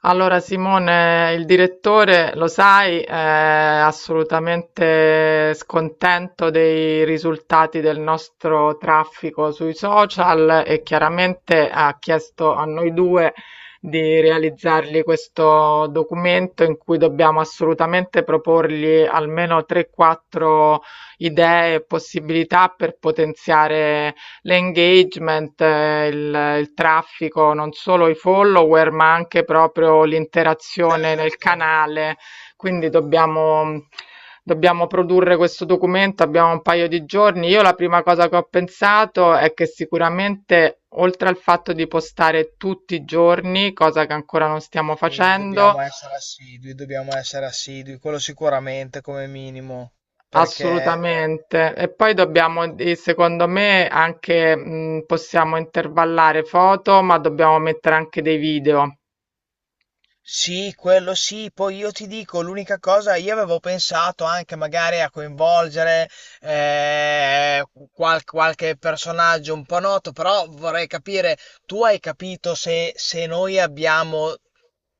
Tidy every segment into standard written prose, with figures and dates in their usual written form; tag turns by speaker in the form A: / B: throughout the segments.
A: Allora Simone, il direttore, lo sai, è assolutamente scontento dei risultati del nostro traffico sui social e chiaramente ha chiesto a noi due di realizzargli questo documento in cui dobbiamo assolutamente proporgli almeno 3-4 idee e possibilità per potenziare l'engagement, il traffico, non solo i follower, ma anche proprio l'interazione nel
B: Certo,
A: canale. Quindi dobbiamo produrre questo documento, abbiamo un paio di giorni. Io la prima cosa che ho pensato è che sicuramente, oltre al fatto di postare tutti i giorni, cosa che ancora non stiamo
B: sì,
A: facendo,
B: dobbiamo essere assidui, quello sicuramente come minimo, perché
A: assolutamente. E poi dobbiamo,
B: eh,
A: secondo me, anche possiamo intervallare foto, ma dobbiamo mettere anche dei video.
B: sì, quello sì. Poi io ti dico, l'unica cosa, io avevo pensato anche magari a coinvolgere eh, qualche personaggio un po' noto, però vorrei capire, tu hai capito se, se noi abbiamo,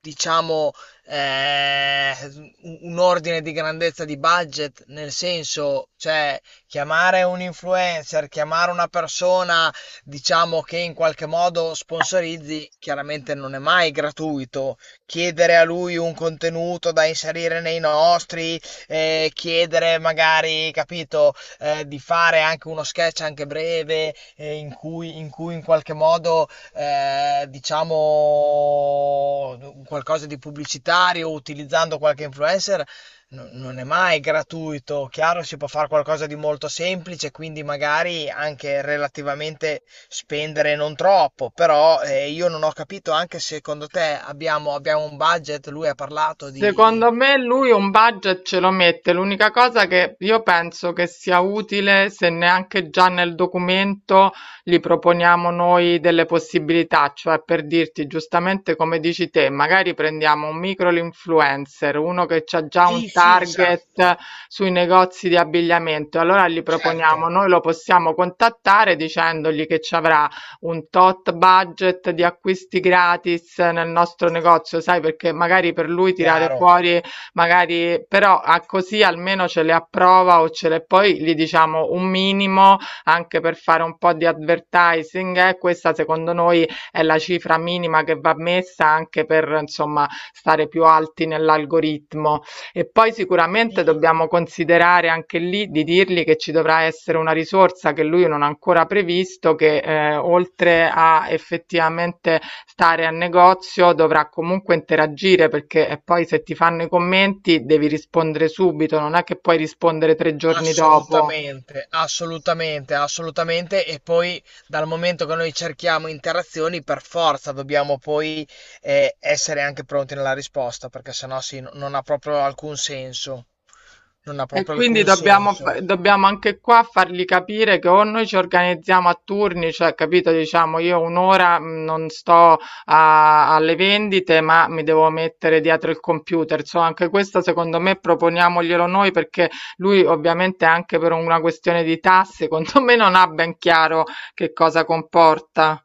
B: diciamo, eh, un ordine di grandezza di budget, nel senso, cioè, chiamare un influencer, chiamare una persona, diciamo, che in qualche modo sponsorizzi, chiaramente non è mai gratuito chiedere a lui un contenuto da inserire nei nostri, chiedere magari, capito, di fare anche uno sketch anche breve in cui, in qualche modo diciamo qualcosa di pubblicitario utilizzando qualche influencer non è mai gratuito. Chiaro, si può fare qualcosa di molto semplice, quindi magari anche relativamente spendere non troppo, però io non ho capito anche se secondo te abbiamo, abbiamo un budget, lui ha parlato di...
A: Secondo me lui un budget ce lo mette, l'unica cosa che io penso che sia utile se neanche già nel documento gli proponiamo noi delle possibilità, cioè per dirti giustamente come dici te, magari prendiamo un micro influencer, uno che ha già
B: Sì,
A: un
B: sì,
A: target
B: esatto,
A: sui negozi di abbigliamento, allora gli proponiamo,
B: certo,
A: noi lo possiamo contattare dicendogli che ci avrà un tot budget di acquisti gratis nel nostro negozio, sai, perché magari per lui tirare
B: chiaro.
A: fuori, magari, però a così almeno ce le approva o ce le poi gli diciamo un minimo anche per fare un po' di advertising. Questa secondo noi è la cifra minima che va messa anche per insomma stare più alti nell'algoritmo. E poi sicuramente
B: I-
A: dobbiamo considerare anche lì di dirgli che ci dovrà essere una risorsa che lui non ha ancora previsto, che oltre a effettivamente stare a negozio dovrà comunque interagire perché poi se ti fanno i commenti devi rispondere subito, non è che puoi rispondere tre giorni dopo.
B: Assolutamente, assolutamente, assolutamente. E poi dal momento che noi cerchiamo interazioni, per forza dobbiamo poi essere anche pronti nella risposta, perché sennò sì, non ha proprio alcun senso. Non ha
A: E
B: proprio
A: quindi
B: alcun
A: dobbiamo,
B: senso.
A: dobbiamo anche qua fargli capire che o noi ci organizziamo a turni, cioè capito, diciamo io un'ora non sto alle vendite, ma mi devo mettere dietro il computer. So, anche questo secondo me proponiamoglielo noi perché lui ovviamente anche per una questione di tasse, secondo me non ha ben chiaro che cosa comporta.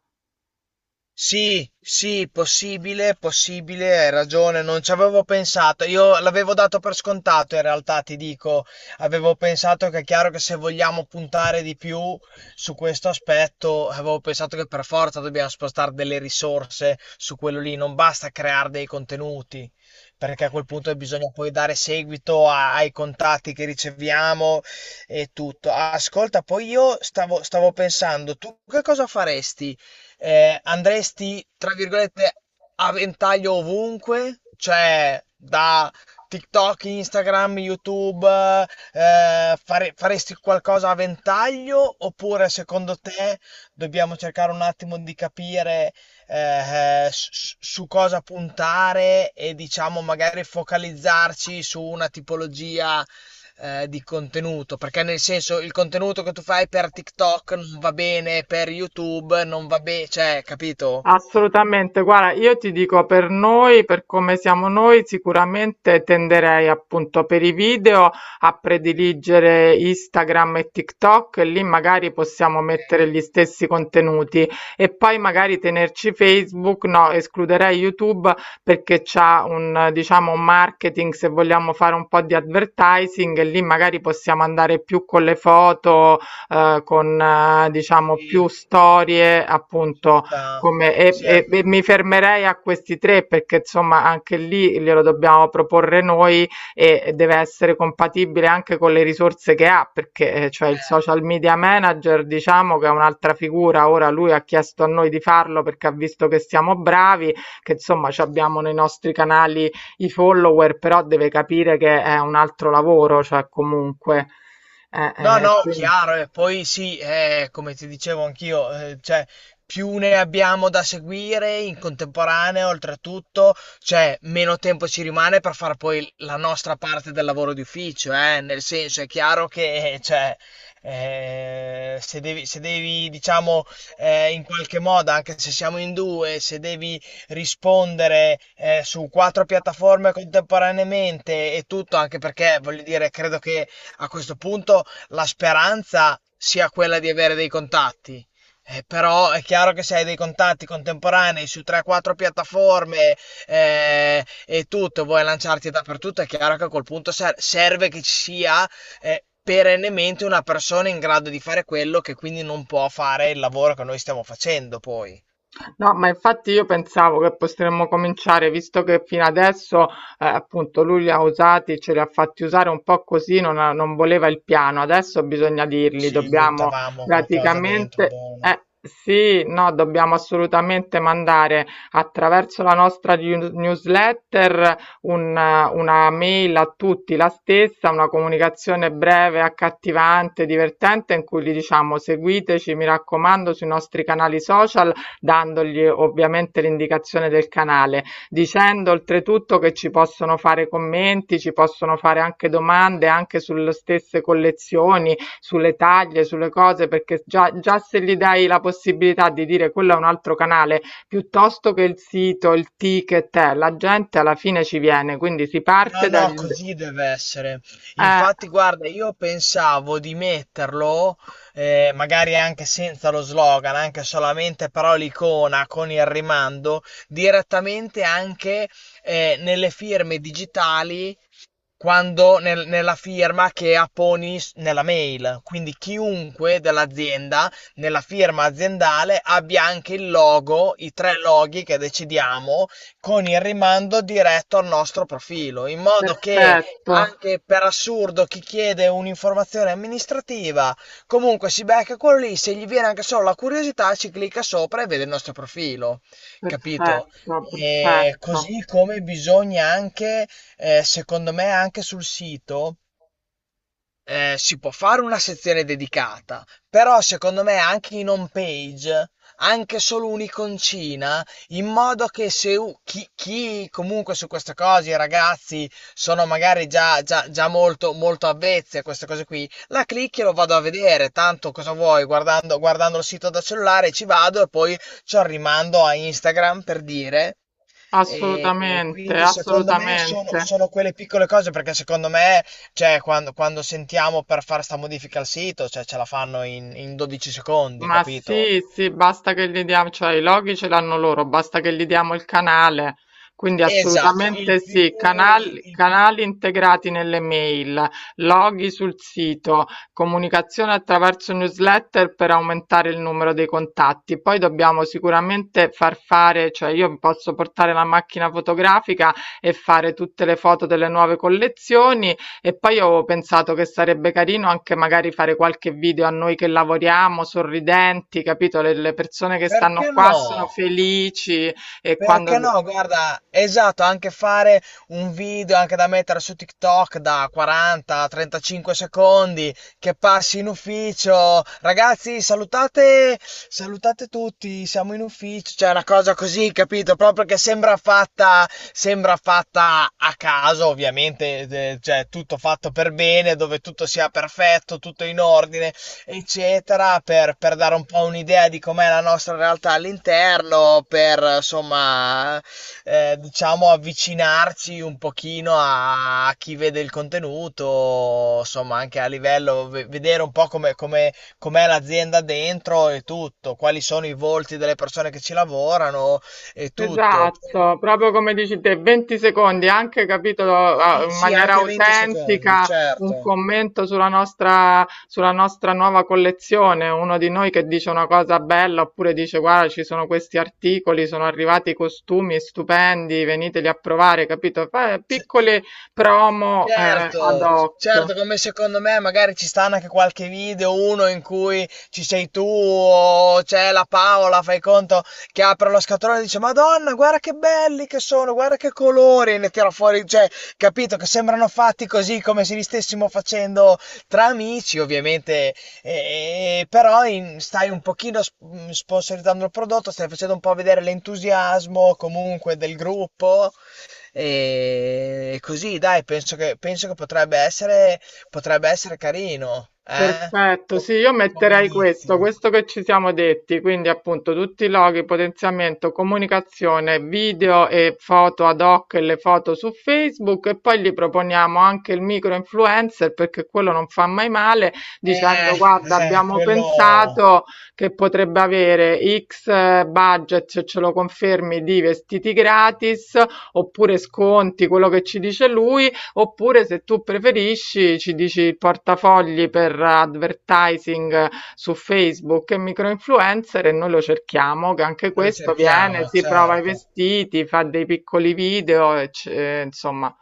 B: Sì, sì, possibile, possibile, hai ragione, non ci avevo pensato. Io l'avevo dato per scontato, in realtà, ti dico, avevo pensato che è chiaro che se vogliamo puntare di più su questo aspetto, avevo pensato che per forza dobbiamo spostare delle risorse su quello lì, non basta creare dei contenuti, perché a quel punto bisogna poi dare seguito ai contatti che riceviamo e tutto. Ascolta, poi io stavo pensando, tu che cosa faresti? Andresti, tra virgolette, a ventaglio ovunque, cioè da TikTok, Instagram, YouTube, faresti qualcosa a ventaglio oppure secondo te dobbiamo cercare un attimo di capire su cosa puntare e diciamo magari focalizzarci su una tipologia di contenuto, perché nel senso il contenuto che tu fai per TikTok non va bene, per YouTube non va bene, cioè, capito?
A: Assolutamente, guarda, io ti dico per noi, per come siamo noi, sicuramente tenderei appunto per i video a prediligere Instagram e TikTok e lì magari possiamo
B: Ok,
A: mettere gli stessi contenuti e poi magari tenerci Facebook, no, escluderei YouTube perché c'ha un, diciamo, un marketing se vogliamo fare un po' di advertising e lì magari possiamo andare più con le foto, con,
B: sì,
A: diciamo, più
B: sì,
A: storie
B: ci
A: appunto
B: sta.
A: come e
B: Sì,
A: e
B: anche.
A: e mi fermerei a questi 3 perché insomma anche lì glielo dobbiamo proporre noi e deve essere compatibile anche con le risorse che ha, perché, cioè il social media manager diciamo che è un'altra figura. Ora lui ha chiesto a noi di farlo perché ha visto che siamo bravi, che insomma c'abbiamo nei nostri canali i follower, però deve capire che è un altro lavoro, cioè comunque.
B: No, no,
A: Quin
B: chiaro, e poi sì, come ti dicevo anch'io, cioè, più ne abbiamo da seguire in contemporanea, oltretutto, cioè, meno tempo ci rimane per fare poi la nostra parte del lavoro di ufficio, nel senso, è chiaro che, cioè, se devi, diciamo, in qualche modo, anche se siamo in due, se devi rispondere su quattro piattaforme contemporaneamente e tutto, anche perché, voglio dire, credo che a questo punto la speranza sia quella di avere dei contatti. Però è chiaro che se hai dei contatti contemporanei su 3-4 piattaforme e tutto, vuoi lanciarti dappertutto, è chiaro che a quel punto serve che ci sia perennemente una persona in grado di fare quello che quindi non può fare il lavoro che noi stiamo facendo poi.
A: No, ma infatti io pensavo che potremmo cominciare, visto che fino adesso, appunto, lui li ha usati, ce li ha fatti usare un po' così, non, non voleva il piano. Adesso bisogna dirgli,
B: Ci
A: dobbiamo
B: buttavamo qualcosa dentro,
A: praticamente,
B: buono.
A: sì, no, dobbiamo assolutamente mandare attraverso la nostra newsletter un- una mail a tutti, la stessa, una comunicazione breve, accattivante, divertente, in cui gli diciamo seguiteci, mi raccomando, sui nostri canali social dandogli ovviamente l'indicazione del canale, dicendo oltretutto che ci possono fare commenti, ci possono fare anche domande anche sulle stesse collezioni, sulle taglie, sulle cose, perché già, già se gli dai la possibilità di dire quello è un altro canale, piuttosto che il sito, il ticket, la gente alla fine ci viene, quindi si
B: No,
A: parte
B: no,
A: dal...
B: così deve essere.
A: Eh,
B: Infatti, guarda, io pensavo di metterlo, magari anche senza lo slogan, anche solamente però l'icona con il rimando, direttamente anche nelle firme digitali quando nella firma che apponi nella mail. Quindi chiunque dell'azienda nella firma aziendale abbia anche il logo, i tre loghi che decidiamo con il rimando diretto al nostro profilo, in modo che
A: perfetto,
B: anche per assurdo chi chiede un'informazione amministrativa comunque si becca quello lì, se gli viene anche solo la curiosità ci clicca sopra e vede il nostro profilo, capito?
A: perfetto,
B: E
A: perfetto,
B: così come bisogna anche secondo me anche sul sito si può fare una sezione dedicata, però secondo me anche in home page, anche solo un'iconcina, in modo che se u chi comunque su queste cose, i ragazzi, sono magari già già molto avvezzi a queste cose qui, la clicchi e lo vado a vedere, tanto cosa vuoi, guardando il sito da cellulare ci vado e poi c'ho il rimando a Instagram, per dire. E
A: assolutamente,
B: quindi secondo me
A: assolutamente.
B: sono quelle piccole cose, perché secondo me cioè, quando sentiamo per fare sta modifica al sito, cioè ce la fanno in 12 secondi,
A: Ma
B: capito?
A: sì, sì, basta che gli diamo, cioè i loghi ce l'hanno loro, basta che gli diamo il canale. Quindi
B: Esatto, il
A: assolutamente
B: più...
A: sì, canali,
B: il-
A: canali integrati nelle mail, loghi sul sito, comunicazione attraverso newsletter per aumentare il numero dei contatti. Poi dobbiamo sicuramente far fare, cioè io posso portare la macchina fotografica e fare tutte le foto delle nuove collezioni e poi ho pensato che sarebbe carino anche magari fare qualche video a noi che lavoriamo, sorridenti, capito? Le persone che stanno
B: Perché
A: qua sono
B: no?
A: felici e quando...
B: Perché no, guarda, esatto, anche fare un video anche da mettere su TikTok da 40-35 secondi che passi in ufficio. Ragazzi, salutate, salutate tutti, siamo in ufficio. Cioè, una cosa così, capito? Proprio che sembra fatta a caso, ovviamente, cioè tutto fatto per bene, dove tutto sia perfetto, tutto in ordine eccetera, per dare un po' un'idea di com'è la nostra realtà all'interno, per insomma, diciamo avvicinarci un pochino a, a chi vede il contenuto, insomma, anche a livello, vedere un po' come, come, com'è l'azienda dentro e tutto, quali sono i volti delle persone che ci lavorano e tutto.
A: Esatto, proprio come dici te, 20 secondi, anche capito
B: Sì,
A: in
B: sì,
A: maniera
B: anche 20 secondi,
A: autentica, un
B: certo.
A: commento sulla nostra nuova collezione, uno di noi che dice una cosa bella oppure dice guarda ci sono questi articoli, sono arrivati costumi stupendi, veniteli a provare, capito? Piccole promo
B: Certo,
A: ad hoc.
B: certo, come secondo me magari ci stanno anche qualche video, uno in cui ci sei tu o c'è la Paola, fai conto, che apre lo scatolone e dice Madonna, guarda che belli che sono, guarda che colori, e ne tira fuori, cioè, capito, che sembrano fatti così come se li stessimo facendo tra amici, ovviamente, stai un pochino sponsorizzando il prodotto, stai facendo un po' vedere l'entusiasmo comunque del gruppo e così, dai, penso che potrebbe essere carino, eh?
A: Perfetto,
B: Com-
A: sì, io
B: Come
A: metterei questo,
B: inizio.
A: questo che ci siamo detti, quindi appunto tutti i loghi, potenziamento, comunicazione, video e foto ad hoc e le foto su Facebook e poi gli proponiamo anche il micro influencer perché quello non fa mai male
B: Eh,
A: dicendo guarda abbiamo
B: quello
A: pensato che potrebbe avere X budget se ce lo confermi di vestiti gratis oppure sconti, quello che ci dice lui. Oppure, se tu preferisci, ci dici il portafogli per advertising su Facebook e microinfluencer e noi lo cerchiamo, che anche
B: che noi
A: questo viene,
B: cerchiamo,
A: si prova i
B: certo.
A: vestiti, fa dei piccoli video, e insomma,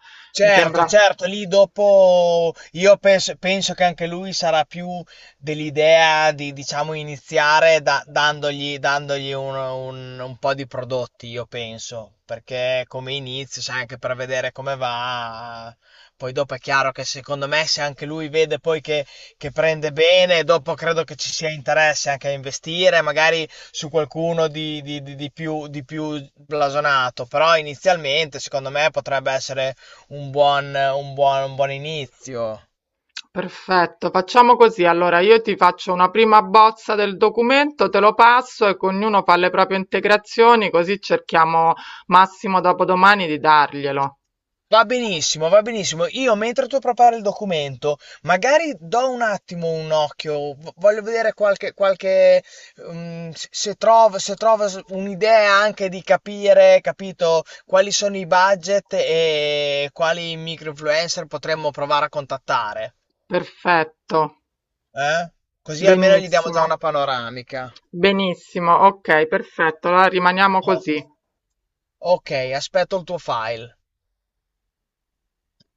A: mi
B: Certo,
A: sembra
B: certo, lì dopo io penso che anche lui sarà più dell'idea di, diciamo, iniziare dandogli un, un po' di prodotti, io penso, perché come inizio, sai, anche per vedere come va, poi dopo è chiaro che secondo me se anche lui vede poi che prende bene, dopo credo che ci sia interesse anche a investire, magari su qualcuno di, di più blasonato, però inizialmente secondo me potrebbe essere un buon, un buon, un buon inizio.
A: perfetto. Facciamo così, allora io ti faccio una prima bozza del documento, te lo passo e ognuno fa le proprie integrazioni, così cerchiamo massimo dopodomani di darglielo.
B: Va benissimo, va benissimo. Io mentre tu prepari il documento, magari do un attimo un occhio, voglio vedere qualche, qualche se trovo, se trovo un'idea anche di capire, capito, quali sono i budget e quali micro-influencer potremmo provare a contattare.
A: Perfetto.
B: Eh? Così almeno gli diamo già
A: Benissimo,
B: una panoramica.
A: benissimo, ok, perfetto, allora rimaniamo
B: Oh,
A: così.
B: ok, aspetto il tuo file.